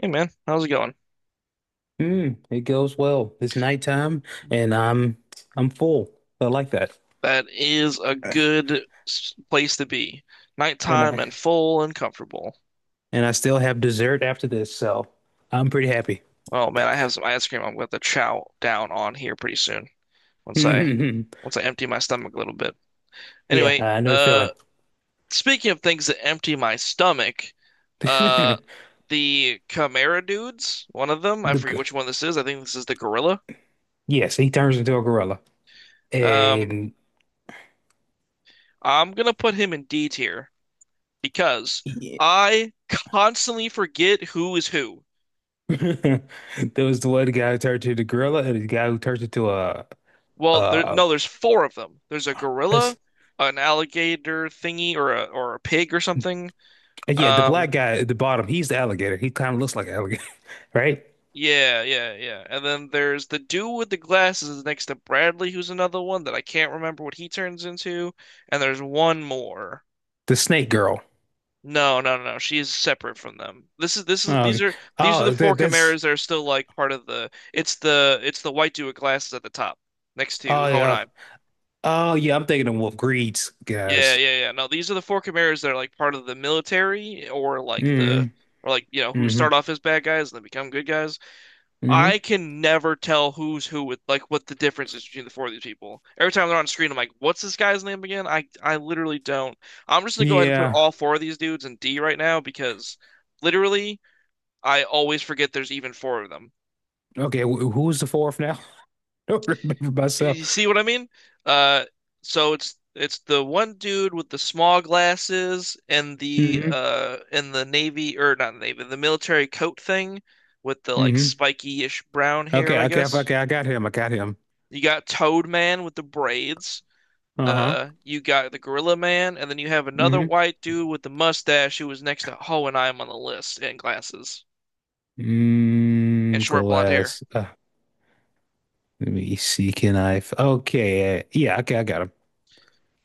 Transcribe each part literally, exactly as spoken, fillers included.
Hey, man, how's it going? Mm, it goes well. It's nighttime and I'm I'm full. I like that. That is a good s- place to be. And Nighttime I and full and comfortable. and I still have dessert after this, so I'm pretty happy. Oh, man, I have some ice cream. I'm going to chow down on here pretty soon once I once I empty my stomach a little bit. Yeah, Anyway, I know the uh, feeling. speaking of things that empty my stomach, uh, the Chimera dudes, one of them, I The forget g- which one this is. I think this is the gorilla. yes, he turns into a gorilla. Um, And I'm gonna put him in D tier because yeah. I constantly forget who is who. There was the one guy who turned into the gorilla and the guy who turned into a Well, there uh no, there's four of them. There's a gorilla, it's, an alligator thingy, or a or a pig or something. yeah, the Um, black guy at the bottom, he's the alligator. He kind of looks like an alligator, right? yeah, yeah, yeah. And then there's the dude with the glasses is next to Bradley, who's another one that I can't remember what he turns into. And there's one more. The snake girl. No, no, no, no. She is separate from them. This is this is Oh, these are these are the oh four that that's chimeras that are still like part of the. It's the it's the white dude with glasses at the top next to Oh yeah. Honai. Oh yeah, I'm thinking of Wolf Greed's Yeah, guys. yeah, yeah. No, these are the four Chimeras that are like part of the military, or like the Mm, or like you know who hmm. start off as bad guys and then become good guys. Hmm, I can never tell who's who with like what the difference is between the four of these people. Every time they're on screen, I'm like, what's this guy's name again? I I literally don't. I'm just gonna go ahead and put yeah. all four of these dudes in D right now because literally I always forget there's even four of them. Okay, wh who's the fourth now? I don't remember myself. You see what I mean? Uh, so it's it's the one dude with the small glasses and the Hmm. uh and the navy, or not navy, the military coat thing with the like Hmm. spiky-ish brown hair, Okay, I okay, guess. okay, I got him. I got him. You got Toad Man with the braids. Uh-huh. Uh, you got the Gorilla Man, and then you have another Hmm. white dude with the mustache who was next to Ho, and I'm on the list, and glasses and Mm, short blonde hair. glass. Uh, let me see. Can I? f- Okay. Uh, yeah. Okay, I got him.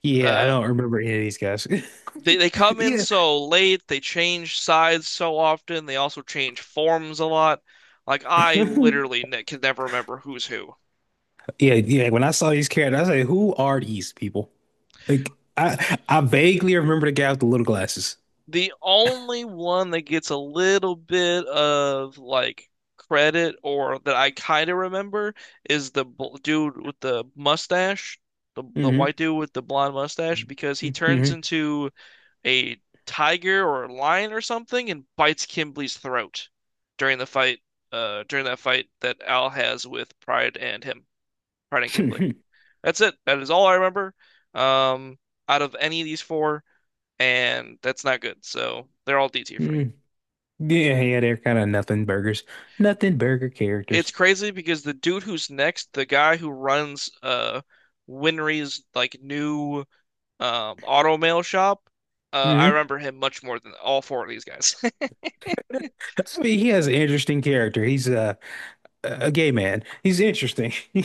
Yeah, I Uh, don't remember any of these guys. They they come in Yeah. so late, they change sides so often, they also change forms a lot. Like, I literally ne can never remember who's who. Yeah, yeah. When I saw these characters, I was like, "Who are these people?" Like, I I vaguely remember the guy with the little glasses. The only one that gets a little bit of like credit or that I kind of remember is the bl dude with the mustache, the the white dude with the blonde mustache, because he turns Mm-hmm. into a tiger or a lion or something and bites Kimberly's throat during the fight. Uh, during that fight that Al has with Pride and him, Pride and Mm-hmm. Kimberly. Mm. That's it. That is all I remember. Um, out of any of these four, and that's not good. So they're all D tier for me. Yeah, yeah, they're kind of nothing burgers, nothing burger characters. It's crazy, because the dude who's next, the guy who runs uh Winry's like new um auto mail shop, uh, I Hmm. remember him much more than all four of these guys. I mean, he has an interesting character. He's a a gay man. He's interesting.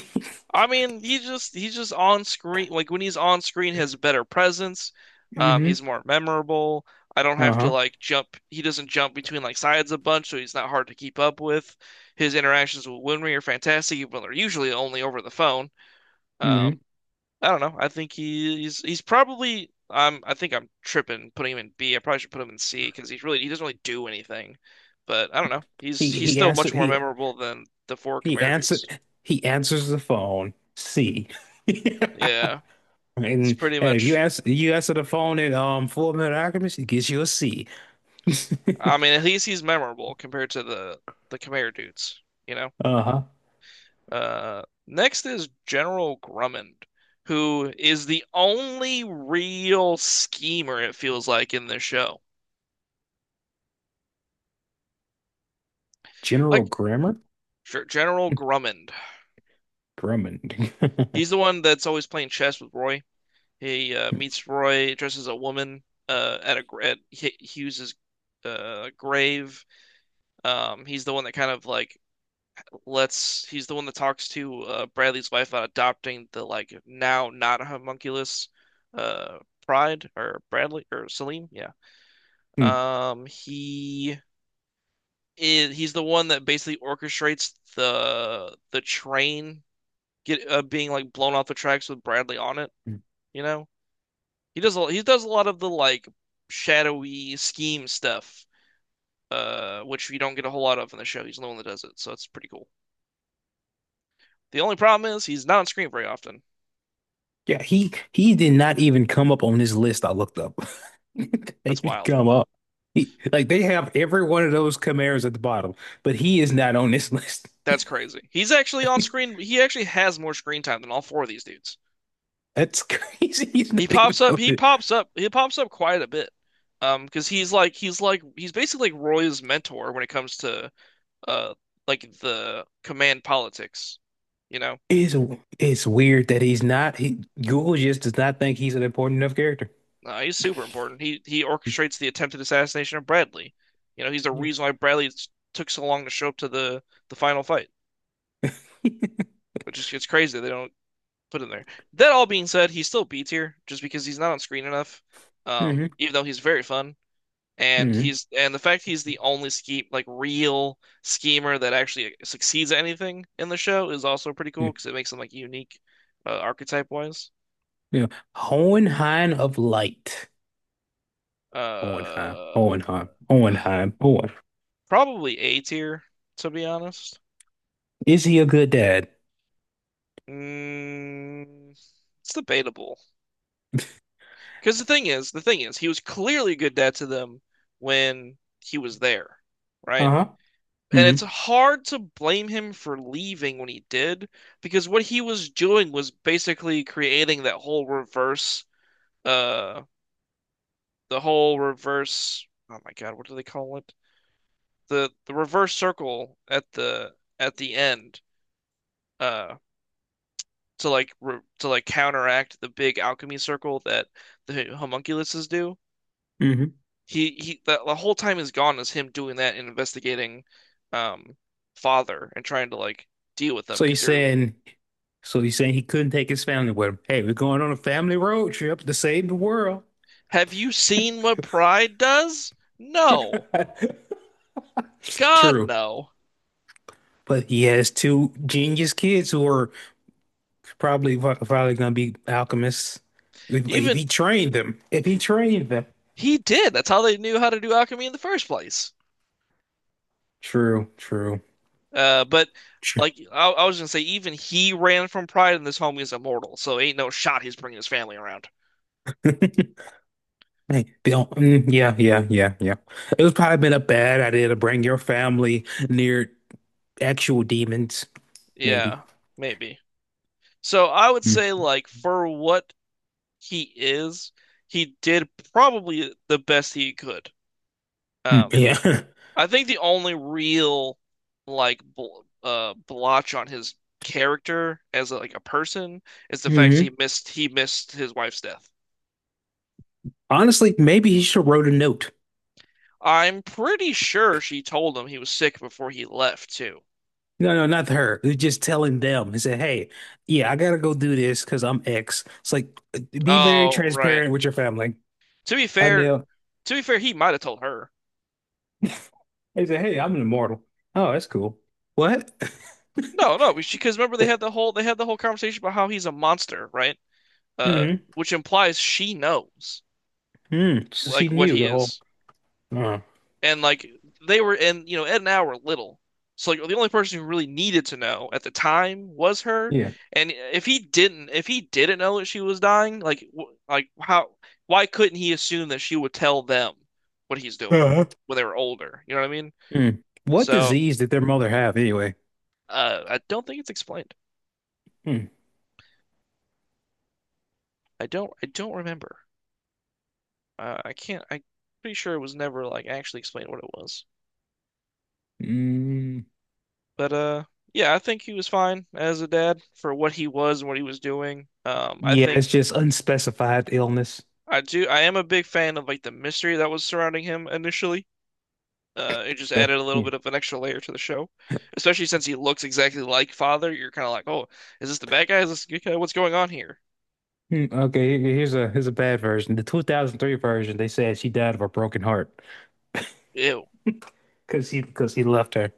I mean, he's just he's just on screen. Like, when he's on screen, he has a better presence. Um, Hmm. he's more memorable. I don't have to Uh-huh. like jump. He doesn't jump between like sides a bunch, so he's not hard to keep up with. His interactions with Winry are fantastic, even though they're usually only over the phone. Um, Hmm. I don't know. I think he, he's he's probably. I'm. I think I'm tripping putting him in B. I probably should put him in C because he's really he doesn't really do anything. But I don't know. He's He he's he still answer much more he memorable than the four he Khmer answer dudes. he answers the phone. C. Yeah, it's And pretty hey, if you much. answer you answer the phone in um Full Metal Alchemist, it gives you a C. I mean, at least he's memorable compared to the the Khmer dudes, you know? Uh-huh. Uh, next is General Grummond, who is the only real schemer, it feels like, in this show. General Like, Grammar? sure, General Grummond. Grumman. He's the one that's always playing chess with Roy. He uh, meets Roy, dresses a woman uh, at a at Hughes's uh, grave. Um, he's the one that kind of like lets he's the one that talks to uh, Bradley's wife about adopting the like now not homunculus uh Pride, or Bradley, or Selim. Yeah. Um he is he's the one that basically orchestrates the the train get uh, being like blown off the tracks with Bradley on it, you know? He does a, he does a lot of the like shadowy scheme stuff uh which you don't get a whole lot of in the show. He's the one that does it, so it's pretty cool. The only problem is he's not on screen very often. Yeah, he he did not even come up on this list I looked up. They That's didn't wild. come up. He, like they have every one of those Camaros at the bottom, but he is not on this list. That's crazy. He's actually on screen. He actually has more screen time than all four of these dudes. That's crazy. He's not He even pops up. on He it. pops up. He pops up quite a bit. Um, because he's like he's like he's basically like Roy's mentor when it comes to uh like the command politics. You know, It's it's weird that he's not. He, Google just does not think he's an important enough character. uh, he's super important. He he orchestrates the attempted assassination of Bradley. You know, he's the Yeah. reason why Bradley took so long to show up to the the final fight, which is it's crazy. They don't put in there. That all being said, he's still B tier just because he's not on screen enough. Um, Hmm. even though he's very fun, and Hmm. he's and the fact he's the only scheme like real schemer that actually succeeds at anything in the show is also pretty cool, because it makes him like unique, uh, archetype wise. Yeah. Hohenheim of Light. Hohenheim. Uh, Hohenheim. Hohenheim. Hohen. probably A tier, to be honest. Is he a good dad? Mm, it's debatable, because the thing is, the thing is, he was clearly a good dad to them when he was there, right? Uh-huh. And it's Hmm. hard to blame him for leaving when he did, because what he was doing was basically creating that whole reverse, uh, the whole reverse. Oh my God, what do they call it? The the reverse circle at the at the end, uh, to like re to like counteract the big alchemy circle that the homunculuses do. Hmm. He he, the, the whole time is gone is him doing that and investigating, um, father, and trying to like deal with them So you're because they're. saying So he's saying he couldn't take his family with him. Hey, we're going on a family road trip to save the world. Have you seen what Pride does? No. God, True. no. But he has two genius kids who are probably probably going to be alchemists. If, if he Even trained them. If he trained them. he did. That's how they knew how to do alchemy in the first place. True, true. Uh, but True. like I, I was gonna say, even he ran from Pride, and this homie is immortal, so ain't no shot he's bringing his family around. Hey, Bill. Mm, yeah, yeah, yeah, yeah. It was probably been a bad idea to bring your family near actual demons, maybe. Yeah, maybe. So I would Mm, say, like, for what he is, he did probably the best he could. mm, Um, yeah. I think the only real like bl uh blotch on his character, as a, like a person, is the fact Hmm. he missed he missed his wife's death. Honestly, maybe he should have wrote a note. I'm pretty sure she told him he was sick before he left too. No, no, not her. They're just telling them. He said, "Hey, yeah, I gotta go do this because I'm X." It's like uh, be very Oh, right. transparent with your family. To be I fair, knew. to be fair, he might have told her. He said, "Hey, I'm an immortal." Oh, that's cool. What? No, no, she, because remember they had the whole they had the whole conversation about how he's a monster, right? Uh, Mm-hmm. which implies she knows Mm. So she like what knew he the whole. is. Uh, and like they were and you know Ed and Al were little, so like the only person who really needed to know at the time was her. yeah. And if he didn't, if he didn't know that she was dying, like w- like how why couldn't he assume that she would tell them what he's doing Uh-huh. when they were older? You know what I mean? Mm. What So disease did their mother have anyway? uh, I don't think it's explained. Mm. I don't I don't remember. Uh, I can't. I'm pretty sure it was never like actually explained what it was. Mm. But uh, yeah, I think he was fine as a dad for what he was and what he was doing. Um, I Yeah, think it's just unspecified illness. I do. I am a big fan of like the mystery that was surrounding him initially. Uh, it just Uh, added a little yeah. bit of an extra layer to the show, especially since he looks exactly like Father. You're kind of like, oh, is this the bad guy? Is this the good guy? What's going on here? Mm, okay, here- here's a here's a bad version. The two thousand three version, they said she died of a broken heart. Ew. Because he because he left her.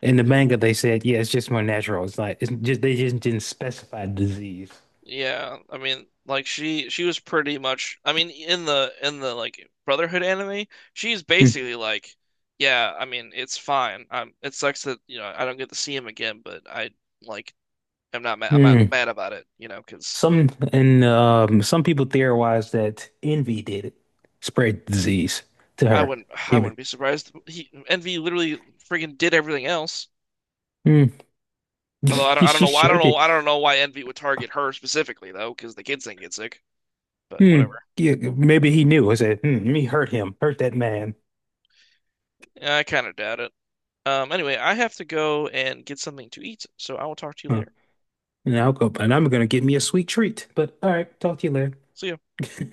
In the manga, they said, yeah, it's just more natural. It's like it's just they just didn't specify disease. Yeah. I mean, like she she was pretty much. I mean, in the in the like Brotherhood anime, she's Hmm. basically like, yeah. I mean, it's fine. I'm. It sucks that you know I don't get to see him again, but I like. I'm not mad. I'm not Hmm. mad about it. You know, because. Some and um, some people theorize that envy did it, spread disease to I her. wouldn't I Give wouldn't it. be surprised. He Envy literally freaking did everything else. Hmm. Although I don't She, I don't she know why I sure don't know did. I don't know why Envy would target her specifically, though, because the kids didn't get sick. But Hmm. whatever. Yeah, maybe he knew. I said, hmm, let me hurt him, hurt that man. Yeah, I kind of doubt it. Um, anyway, I have to go and get something to eat, so I will talk to you Huh. later. And I'll go, and I'm gonna get me a sweet treat. But all right, talk to you later. See ya.